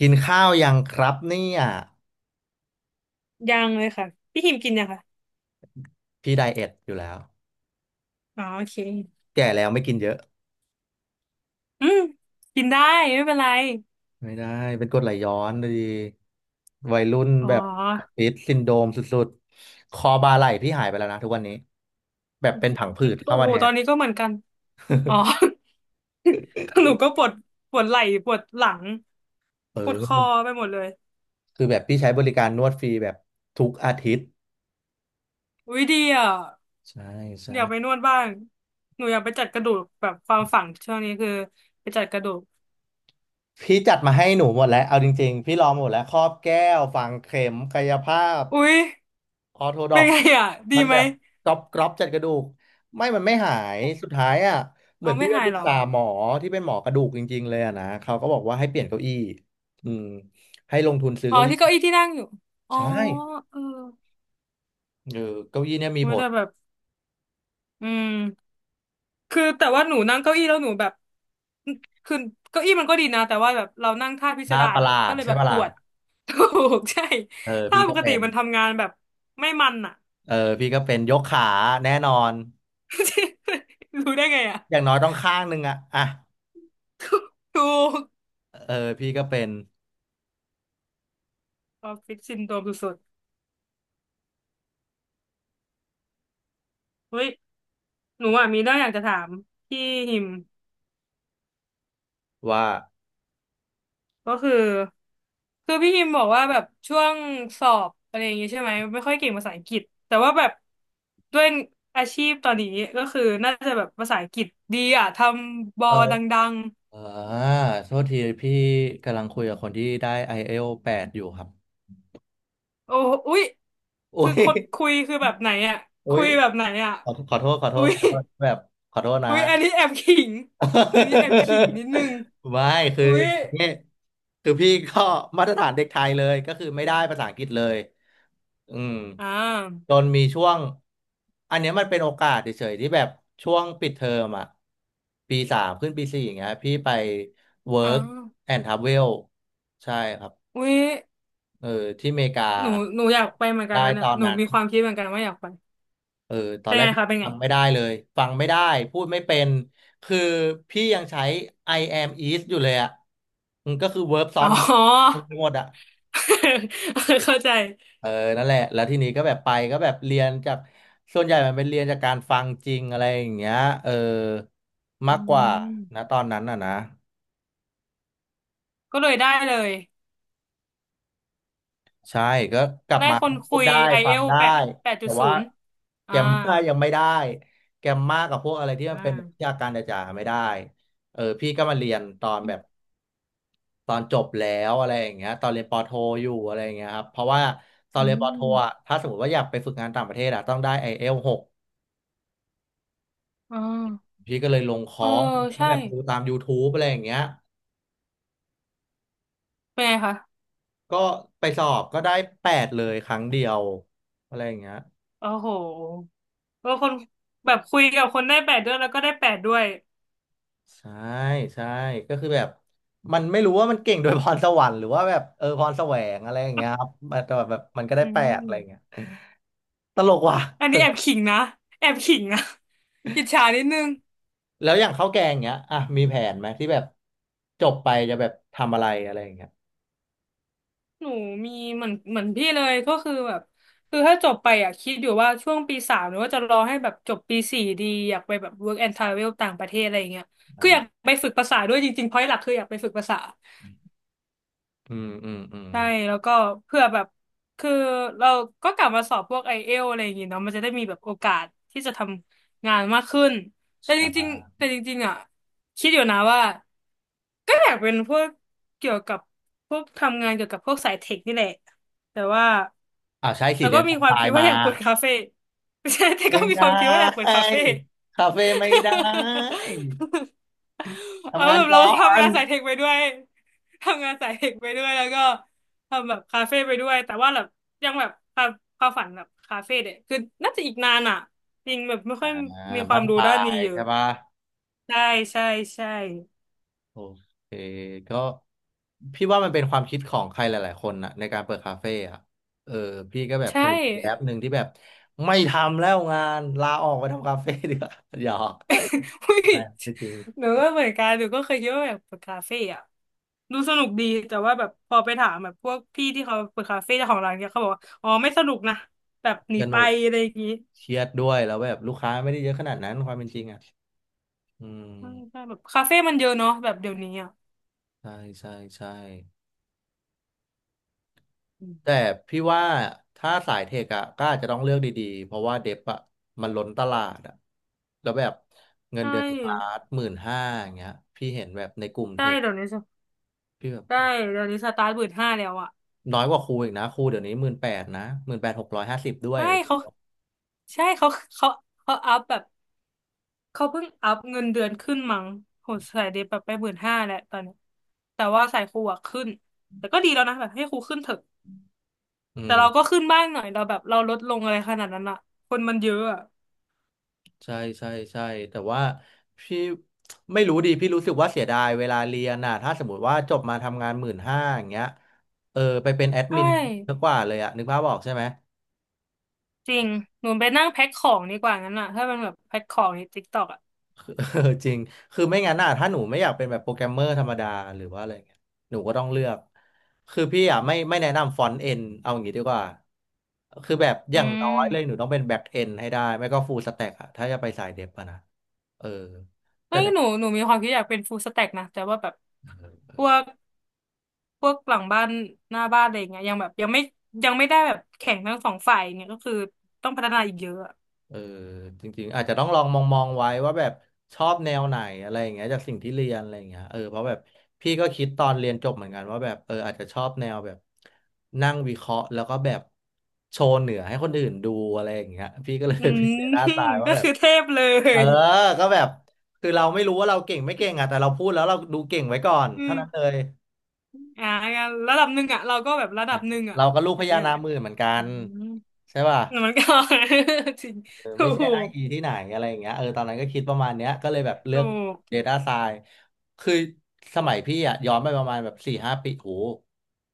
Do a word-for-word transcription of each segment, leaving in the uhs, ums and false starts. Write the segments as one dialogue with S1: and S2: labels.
S1: กินข้าวยังครับเนี่ย
S2: ยังเลยค่ะพี่หิมกินยังค่ะ
S1: พี่ไดเอทอยู่แล้ว
S2: อ๋อโอเค
S1: แก่แล้วไม่กินเยอะ
S2: อืมกินได้ไม่เป็นไร
S1: ไม่ได้เป็นกรดไหลย้อนดีวัยรุ่น
S2: อ๋อ
S1: แบบฟิตซินโดรมสุดๆคอบ่าไหล่พี่หายไปแล้วนะทุกวันนี้แบบเป็นผังผืด
S2: โอ้
S1: เข้ามา
S2: โห
S1: แท
S2: ตอ
S1: น
S2: นนี้ก็เหมือนกันอ๋อ หนูก็ปวดปวดไหล่ปวดหลัง
S1: เอ
S2: ปวดคอ
S1: อ
S2: ไปหมดเลย
S1: คือแบบพี่ใช้บริการนวดฟรีแบบทุกอาทิตย์
S2: อุ้ยดีอ่ะ
S1: ใช่ใช่
S2: อยากไปนวดบ้างหนูอยากไปจัดกระดูกแบบความฝังช่วงนี้คือไปจัดกระดูก
S1: พี่จัดมาให้หนูหมดแล้วเอาจริงๆพี่ลองหมดแล้วครอบแก้วฝังเข็มกายภาพ
S2: อุ้ย
S1: ออร์โธด
S2: เป็
S1: อ
S2: น
S1: ก
S2: ไงอ่ะดี
S1: มัน
S2: ไห
S1: แบ
S2: ม
S1: บกรอบกรอบจัดกระดูกไม่มันไม่หายสุดท้ายอ่ะเหมื
S2: เอา
S1: อนพี่
S2: ไม่
S1: ไป
S2: หา
S1: ป
S2: ย
S1: รึก
S2: เหรอ
S1: ษาหมอที่เป็นหมอกระดูกจริงๆเลยอะนะเขาก็บอกว่าให้เปลี่ยนเก้าอี้อืมให้ลงทุนซื้อ
S2: อ๋อ
S1: เก้าอี้
S2: ที่เก้าอี้ที่นั่งอยู่อ๋อ
S1: ใช่
S2: เออ
S1: เออเก้าอี้เนี่ยมี
S2: โอ
S1: ผ
S2: ย
S1: ล
S2: แต่แบบอืม คือแต่ว่าหนูนั่งเก้าอี้แล้วหนูแบบคือเก้าอี้มันก็ดีนะแต่ว่าแบบเรานั่งท่าพิส
S1: น่า
S2: ดา
S1: ป
S2: ร
S1: ระห
S2: อ่ะ
S1: ลา
S2: ก็
S1: ด
S2: เลย
S1: ใช่
S2: แบบ
S1: ปะ
S2: ป
S1: ล่ะ
S2: วด ถูกใช่
S1: เออ
S2: ท่า
S1: พี่
S2: ป
S1: ก็
S2: กติ
S1: เป็น
S2: มันทำงานแบบไม่มันอ่ะ
S1: เออพี่ก็เป็นยกขาแน่นอน
S2: รู้ได้ไงอ่ะ
S1: อย่างน้อยต้องข้างหนึ่งอะอ่ะ
S2: ถูก
S1: เออพี่ก็เป็น
S2: ออฟฟิศซินโดรมสุดๆเฮ้ยหนูอ่ะมีเรื่องอยากจะถามพี่หิม
S1: ว่า
S2: ก็คือคือพี่พิมพ์บอกว่าแบบช่วงสอบอะไรอย่างเงี้ยใช่ไหมไม่ค่อยเก่งภาษาอังกฤษแต่ว่าแบบด้วยอาชีพตอนนี้ก็คือน่าจะแบบภาษาอังกฤษดีอ่ะทำบอ
S1: เออ
S2: ดัง
S1: อ่าโทษทีพี่กำลังคุยกับคนที่ได้ไอ เอล แปดอยู่ครับ
S2: ๆโอ้อุ๊ย
S1: โอ้
S2: คือ
S1: ย
S2: คนคุยคือแบบไหนอ่ะ
S1: อุ้
S2: คุ
S1: ย
S2: ยแบบไหนอ่ะ
S1: ขอขอโทษขอโท
S2: อุ๊
S1: ษ
S2: ย
S1: ขอโทษแบบขอโทษนะ
S2: อุ๊ยอันนี้แอบขิงอันนี้แอบขิงนิดนึง
S1: ไม่คือ
S2: อุ๊
S1: อ
S2: ย
S1: ย่างนี้คือพี่ก็มาตรฐานเด็กไทยเลยก็คือไม่ได้ภาษาอังกฤษเลยอืม
S2: อ่
S1: จ
S2: า
S1: นมีช่วงอันเนี้ยมันเป็นโอกาสเฉยๆที่แบบช่วงปิดเทอมอ่ะปีสามขึ้นปีสี่อย่างเงี้ยพี่ไป
S2: อ่า
S1: work and travel ใช่ครับ
S2: อุ้ย
S1: เออที่อเมริกา
S2: หนูหนูอยากไปเหมือนกัน
S1: ได้
S2: นั่น
S1: ต
S2: น่ะ
S1: อน
S2: หนู
S1: นั้น
S2: มีความคิดเหมือนกันว่าอยากไป
S1: เออตอ
S2: เป็
S1: น
S2: น
S1: แร
S2: ไง
S1: กพี่
S2: คะเป็นไง
S1: ฟังไม่ได้เลย ฟังไม่ได้พูดไม่เป็นคือพี่ยังใช้ I am is อยู่เลยอ่ะอืมก็คือ verb ซ้อ
S2: อ๋
S1: น
S2: อ
S1: verb ไปหมดอ่ะ
S2: เข้าใจ
S1: เออนั่นแหละแล้วทีนี้ก็แบบไปก็แบบเรียนจากส่วนใหญ่มันเป็นเรียนจากการฟังจริงอะไรอย่างเงี้ยเออ
S2: อื
S1: มากกว่านะ
S2: ม
S1: ตอนนั้นอ่ะนะ
S2: ก็เลยได้เลย
S1: ใช่ก็กลับ
S2: ได้
S1: มา
S2: คน
S1: ก็พู
S2: คุ
S1: ด
S2: ย
S1: ได้
S2: ไอ
S1: ฟั
S2: เอ
S1: ง
S2: ล
S1: ได้
S2: แปดแปดจุ
S1: แต่
S2: ดศู
S1: ว่า
S2: นย์
S1: แก
S2: อ่า
S1: รมมายังไม่ได้แกรมมากับพวกอะไรที่มัน
S2: อ่า
S1: เป็นแบบวิชาการจ๋าๆไม่ได้เออพี่ก็มาเรียนตอนแบบ ตอนจบแล้วอะไรอย่างเงี้ยตอนเรียนปอโทอยู่อะไรอย่างเงี้ยครับเพราะว่าตอน
S2: อื
S1: เรียนปอโทอ่ะ
S2: ม
S1: ถ้าสมมติว่าอยากไปฝึกงานต่างประเทศอ่ะต้องได้ไอ เอล หก
S2: อ๋อ
S1: พี่ก็เลยลงค
S2: เอ
S1: อ
S2: อ
S1: ร์สก็
S2: ใช่
S1: แบบดูตาม YouTube อะไรอย่างเงี้ย
S2: เป็นไงคะ
S1: ก็ไปสอบก็ได้แปดเลยครั้งเดียวอะไรอย่างเงี้ย
S2: โอ้โหเออคนแบบคุยกับคนได้แปดด้วยแล้วก็ได้แปดด้วย
S1: ใช่ใช่ก็คือแบบมันไม่รู้ว่ามันเก่งโดยพรสวรรค์หรือว่าแบบเออพรแสวงอะไรอย่างเงี้ยครับแต่แบบมันก็ได้
S2: อื
S1: แปดอะไรอย่างเงี้ย
S2: ม
S1: ตลกว่ะ
S2: อันนี้แอบขิงนะ แอบขิงนะ อิจฉานิดนึง
S1: แล้วอย่างข้าวแกงเงี้ยอ่ะมีแผนไหมที่แบบจบไปจะแบบทำอะไรอะไรอย่างเงี้ย
S2: หนูมีเหมือนเหมือนพี่เลยก็คือแบบคือถ้าจบไปอ่ะคิดอยู่ว่าช่วงปีสามหรือว่าจะรอให้แบบจบปีสี่ดีอยากไปแบบ work and travel ต่างประเทศอะไรอย่างเงี้ยคืออยาก
S1: อ่า
S2: ไปฝึกภาษาด้วยจริงๆเพราะหลักคืออยากไปฝึกภาษา
S1: อืมอืมอืม
S2: ใช่แล้วก็เพื่อแบบคือเราก็กลับมาสอบพวกไอเอลอะไรอย่างงี้เนาะมันจะได้มีแบบโอกาสที่จะทำงานมากขึ้นแต่จ
S1: ใช่
S2: ริงๆแต่จริงๆอ่ะคิดอยู่นะว่าก็อยากเป็นพวกเกี่ยวกับพวกทำงานเกี่ยวกับพวกสายเทคนี่แหละแต่ว่า
S1: อ่าใช่สิ
S2: แต่
S1: เรี
S2: ก็
S1: ยนค
S2: มี
S1: อม
S2: ควา
S1: ไซ
S2: มคิดว่า
S1: มา
S2: อยากเปิดคาเฟ่ ไม่ใช่แต่ก็
S1: ไม่
S2: มี
S1: ได
S2: ความคิดว่าอยากเปิด
S1: ้
S2: คาเฟ่
S1: คาเฟ่ไม่ได้
S2: เอา
S1: ทำงาน
S2: แบบเรา
S1: ก่อ
S2: ทำ
S1: น
S2: งานสายเทคไปด้วยทำงานสายเทคไปด้วยแล้วก็ทำแบบคาเฟ่ไปด้วยแต่ว่าแบบยังแบบความความฝันแบบคาเฟ่เนี่ยคือน่าจะอีกนานอ่ะจริงแบบไม่
S1: อ่า
S2: ค่อยมีค
S1: บ้า
S2: วาม
S1: นป
S2: รู้
S1: ลา
S2: ด้านนี้
S1: ย
S2: เยอะ
S1: ใช่ปะ
S2: ใช่ใช่ใช่
S1: โอเคก็พี่ว่ามันเป็นความคิดของใครหลายๆคนนะในการเปิดคาเฟ่อะเออพี่ก็แบบเค
S2: ใช่
S1: ยมีแอปหนึ่งที่แบบไม่ทำแล้วงานลาออกไปทำคาเฟ่ ดีกว่าหยอก
S2: อุ้ย
S1: ใช่ไม่จริง
S2: หนูก็เหมือนกันหนูก็เคยคิดว่าแบบเปิดคาเฟ่อะดูสนุกดีแต่ว่าแบบพอไปถามแบบพวกพี่ที่เขาเปิดคาเฟ่เจ้าของร้านเนี่ยเขาบอกว่าอ๋อไม่สนุกนะแบบหนี
S1: ส
S2: ไป
S1: นุก
S2: อะไรอย่างงี้
S1: เครียดด้วยแล้วแบบลูกค้าไม่ได้เยอะขนาดนั้นความเป็นจริงอ่ะอืม
S2: ใช่ใช่แบบคาเฟ่มันเยอะเนาะแบบเดี๋ยวนี้อะ
S1: ใช่ใช่ใช่
S2: อื
S1: แต่
S2: ม
S1: พี่ว่าถ้าสายเทคอะก็อาจจะต้องเลือกดีๆเพราะว่าเดฟอะมันล้นตลาดอะแล้วแบบเงิ
S2: ใช
S1: นเดือนสตา
S2: ่
S1: ร์ทหมื่นห้าอย่างเงี้ยพี่เห็นแบบในกลุ่ม
S2: ใช่
S1: เทค
S2: เดี๋ยวนี้ส
S1: พี่แบบ
S2: ใช่เดี๋ยวนี้สตาร์ทหมื่นห้าแล้วอะ
S1: น้อยกว่าครูอีกนะครูเดี๋ยวนี้หมื่นแปดนะหมื่นแปดหกร้อยห้าสิบด้วย
S2: ใช่เขาใช่เขาเขาเขาอัพแบบเขาเพิ่งอัพเงินเดือนขึ้นมั้งโหสายเดบแบบไปหมื่นห้าแล้วตอนนี้แต่ว่าสายครูอะขึ้นแต่ก็ดีแล้วนะแบบให้ครูขึ้นเถอะ
S1: อื
S2: แต่
S1: ม
S2: เราก็ขึ้นบ้างหน่อยเราแบบเราลดลงอะไรขนาดนั้นอะคนมันเยอะอะ
S1: ใช่ใช่ใช่แต่ว่าพี่ไม่รู้ดิพี่รู้สึกว่าเสียดายเวลาเรียนน่ะถ้าสมมติว่าจบมาทำงานหมื่นห้าอย่างเงี้ยเออไปเป็นแอด
S2: ใช่
S1: มินดีกว่าเลยอะนึกภาพออกใช่ไหม
S2: จริงหนูไปนั่งแพ็คของดีกว่างั้นอะถ้ามันแบบแพ็คของในติ๊กต็อกอะ
S1: คือ จริงคือไม่งั้นน่ะถ้าหนูไม่อยากเป็นแบบโปรแกรมเมอร์ธรรมดาหรือว่าอะไรเงี้ยหนูก็ต้องเลือกคือพี่อะไม่ไม่แนะนำฟอนต์เอ็นเอาอย่างงี้ดีกว่าคือแบบอ
S2: อื
S1: ย่างน้อยเลยหนู
S2: ม
S1: ต้องเป็นแบ็กเอ็นให้ได้ไม่ก็ฟูลสแต็กอะถ้าจะไปสายเดฟอะนะเออแต่
S2: เฮ้ย
S1: เนี่ย
S2: หนูหนูมีความคิดอยากเป็นฟูลสแต็กนะแต่ว่าแบบพวกพวกหลังบ้านหน้าบ้านอะไรอย่างเงี้ยยังแบบยังไม่ยังไม่ได้แบบแข่งทั้งสองฝ่ายอย่างเนี่ยก็คือต้องพัฒนาอีกเยอะอะ
S1: เออจริงๆอาจจะต้องลองมองมองไว้ว่าแบบชอบแนวไหนอะไรอย่างเงี้ยจากสิ่งที่เรียนอะไรอย่างเงี้ยเออเพราะแบบพี่ก็คิดตอนเรียนจบเหมือนกันว่าแบบเอออาจจะชอบแนวแบบนั่งวิเคราะห์แล้วก็แบบโชว์เหนือให้คนอื่นดูอะไรอย่างเงี้ยพี่ก็เลย
S2: อื
S1: เป็น
S2: ม
S1: เดต้าไซน์ ว่า
S2: ก็
S1: แบบ
S2: คือเทพเล
S1: เออ
S2: ย
S1: ก็แบบคือเราไม่รู้ว่าเราเก่งไม่เก่งอะแต่เราพูดแล้วเราดูเก่งไว้ก่อน
S2: อื
S1: เท่า
S2: ม
S1: นั้นเลย
S2: อ่างั้นระดับหนึ่งอะเราก็แบบระดับหนึ่งอะ
S1: เราก็ลูก
S2: อ
S1: พ
S2: ย่าง
S1: ญา
S2: เงี้ยเหร
S1: นาค
S2: อ
S1: หมื่นเหมือนกั
S2: อื
S1: น
S2: ม
S1: ใช่ป่ะ
S2: มันก็ จริง
S1: เออ
S2: ถู
S1: ไม่ใช่อ้าง
S2: ก
S1: อิงที่ไหนอะไรอย่างเงี้ยเออตอนนั้นก็คิดประมาณเนี้ยก็เลยแบบเลื
S2: ถู
S1: อก
S2: ก
S1: Data Science คือสมัยพี่อะย้อนไปประมาณแบบสี่ห้าปีโห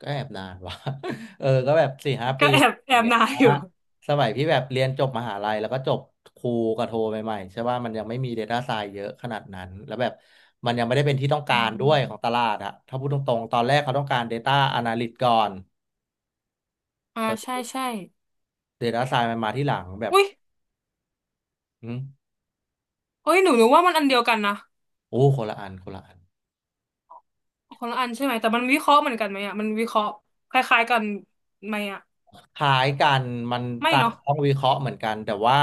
S1: ก็แอบนานว่ะ เออก็แบบสี่ห้าปี
S2: ก็แอบ
S1: อ
S2: แอ
S1: ย่าง
S2: บ
S1: เงี้ย
S2: นายอยู่
S1: สมัยพี่แบบเรียนจบมหาลัยแล้วก็จบครูกับโทใหม่ๆใช่ว่ามันยังไม่มี Data Science เยอะขนาดนั้นแล้วแบบมันยังไม่ได้เป็นที่ต้อง
S2: อื
S1: การด้
S2: ม
S1: วยของตลาดอะถ้าพูดตรงๆตอนแรกเขาต้องการ ดาต้า อนาลิสต์ ก่อน
S2: อ่าใช่ใช่
S1: ดาต้า ซายน์ มันมาที่หลังแบบ
S2: อุ้ย
S1: อืม
S2: เอุ้ยหนูหนูว่ามันอันเดียวกันนะ
S1: โอ้คนละอันคนละอัน
S2: คนละอันใช่ไหมแต่มันวิเคราะห์เหมือนกันไหมอ่ะมันวิเคราะห์คล้ายๆกันไหมอ่ะ
S1: คล้ายกันมัน
S2: ไม่
S1: ต่าง
S2: เนาะ
S1: ต้องวิเคราะห์เหมือนกันแต่ว่า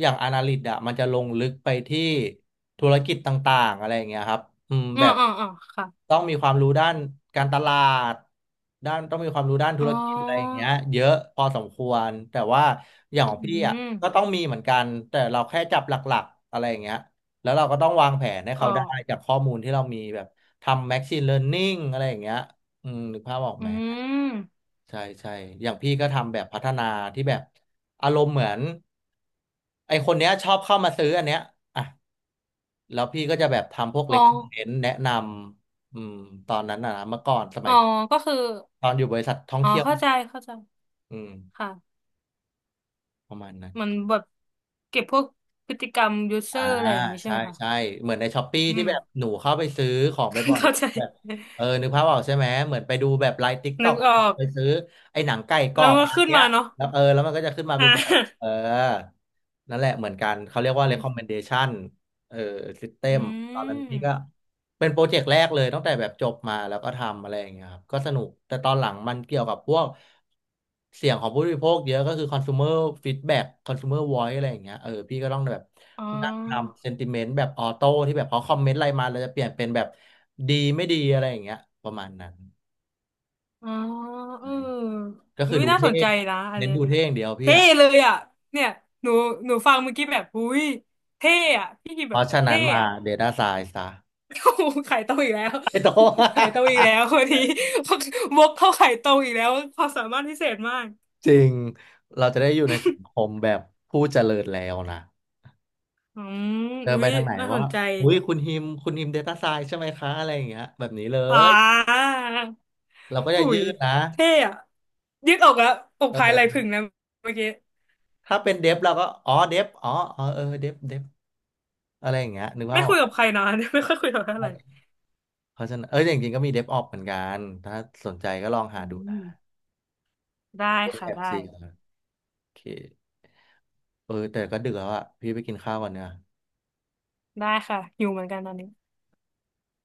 S1: อย่างอนาลิตอะมันจะลงลึกไปที่ธุรกิจต่างๆอะไรอย่างเงี้ยครับอืม
S2: อ่า
S1: แบบ
S2: อ่าอ่าค่ะ
S1: ต้องมีความรู้ด้านการตลาดด้านต้องมีความรู้ด้านธุ
S2: อ๋อ
S1: รกิจอะไรอย่างเงี้ยเยอะพอสมควรแต่ว่าอย่าง
S2: อื
S1: ของพี่อะ
S2: ม
S1: ก็ต้องมีเหมือนกันแต่เราแค่จับหลักๆอะไรอย่างเงี้ยแล้วเราก็ต้องวางแผนให้
S2: อ๋
S1: เขา
S2: อ
S1: ได้จากข้อมูลที่เรามีแบบทำ แมชชีน เลิร์นนิง อะไรอย่างเงี้ยอืมนึกภาพออก
S2: อื
S1: ไหม
S2: ม
S1: ใช่ใช่อย่างพี่ก็ทำแบบพัฒนาที่แบบอารมณ์เหมือนไอคนเนี้ยชอบเข้ามาซื้ออันเนี้ยอ่ะแล้วพี่ก็จะแบบทำพวก
S2: อ๋
S1: เล็
S2: อ
S1: กคอนเทนต์แนะนำอืมตอนนั้นนะนะเมื่อก่อนสมั
S2: อ๋อ
S1: ย
S2: ก็คือ
S1: ตอนอยู่บริษัทท่อง
S2: อ๋อ
S1: เที่ยว
S2: เข้าใจเข้าใจ
S1: อืม
S2: ค่ะ
S1: ประมาณนั้น
S2: มันแบบเก็บพวกพฤติกรรมยูเซอ
S1: อ่า
S2: ร์อะไรอย่างนี้ใช่
S1: ใช่
S2: ไหมคะ
S1: ใช่เหมือนในช้อปปี้
S2: อื
S1: ที่
S2: ม
S1: แบบหนูเข้าไปซื้อของไปบ่อ ยๆแล้
S2: เข้า
S1: ว
S2: ใจ
S1: แบบเออนึกภาพออกใช่ไหมเหมือนไปดูแบบไลฟ์ติ๊กต็
S2: นึ
S1: อก
S2: กออก
S1: ไปซื้อไอ้หนังไก่กร
S2: แล้
S1: อ
S2: วมั
S1: บ
S2: นก็
S1: ร้าน
S2: ขึ้น
S1: เนี้ย
S2: มาเนาะ
S1: แล้วเออแล้วมันก็จะขึ้นมาไป
S2: อ่า
S1: บ่อยๆเออนั่นแหละเหมือนกันเขาเรีย กว่า
S2: ใช่
S1: เรคคอมเมนเดชัน เออ
S2: อื
S1: ซิสเต็ม ตอนนั้นพี่ก็
S2: ม
S1: เป็นโปรเจกต์แรกเลยตั้งแต่แบบจบมาแล้วก็ทำอะไรอย่างเงี้ยครับก็สนุกแต่ตอนหลังมันเกี่ยวกับพวกเสียงของผู้บริโภคเยอะก็คือ คอนซูเมอร์ ฟีดแบ็ก คอนซูเมอร์ วอยซ์ อะไรอย่างเงี้ยเออพี่ก็ต้องแบบ
S2: อ๋อ
S1: นั่งทำ เซนทิเมนต์ แบบออโต้ที่แบบเขาคอมเมนต์อะไรมาเราจะเปลี่ยนเป็นแบบดีไม่ดีอะไรอย่างเงี้ยประมาณนั้น
S2: อ๋อเอ
S1: ใช่
S2: อ
S1: ก็
S2: อุ้
S1: คือ
S2: ย
S1: ดู
S2: น่าส
S1: เท่
S2: นใจนะอัน
S1: เน้น
S2: เนี้ย
S1: ดูเท่อย่างเดียวพี่
S2: เท่
S1: อะ
S2: เลยอ่ะเนี่ยหนูหนูฟังเมื่อกี้แบบอุ้ยเท่อ่ะพี่กิม
S1: เพ
S2: แบบ
S1: ราะฉะนั้
S2: เท่
S1: นมา
S2: อ่ะ
S1: data science ซะ
S2: โอ้โหไข่ตรงอีกแล้ว
S1: ไอ้โต
S2: ไข่ตรงอีกแล้วคนนี้ วกเข้าไข่ตรงอีกแล้วความสามารถพิเศษมาก
S1: จริงเราจะได้อยู่ในสังคมแบบผู้เจริญแล้วนะ
S2: อืม
S1: เดิน
S2: อุ้
S1: ไป
S2: ย
S1: ทางไหน
S2: น่าส
S1: ว่า
S2: นใจ
S1: อุ้ยคุณฮิมคุณฮิม Data Science ใช่ไหมคะ อะไรอย่างเงี้ยแบบนี้เล
S2: อ่
S1: ย
S2: า
S1: เราก็จะ
S2: หุ
S1: ยื
S2: ย
S1: ดนะ
S2: เท่อะยืดอกอะอกพายไหล่
S1: เออ
S2: ผึ่งนะเมื่อกี้
S1: ถ้าเป็นเดฟเราก็ อ๋อเดฟอ๋ออ๋อเออเดฟเดฟอะไรอย่างเงี้ยนึกว่า
S2: ไม่
S1: อ
S2: คุ
S1: อ
S2: ย
S1: ก
S2: กับใครนะ ไม่ค่อยคุยกับใครอะไร
S1: เพราะฉะนั้นเออจริงๆก็มีเดฟออ พี เหมือนกัน ถ้าสนใจก็ลองหา
S2: อื
S1: ดูนะ
S2: มได้
S1: เดฟ
S2: ค่ะ
S1: แอป
S2: ได้
S1: จีโอเคเออแต่ก็ดึกแล้วอะพี่ไปกินข้าวก่อนเนี่ย
S2: ได้ค่ะ อยู่เหมือนกันตอนนี้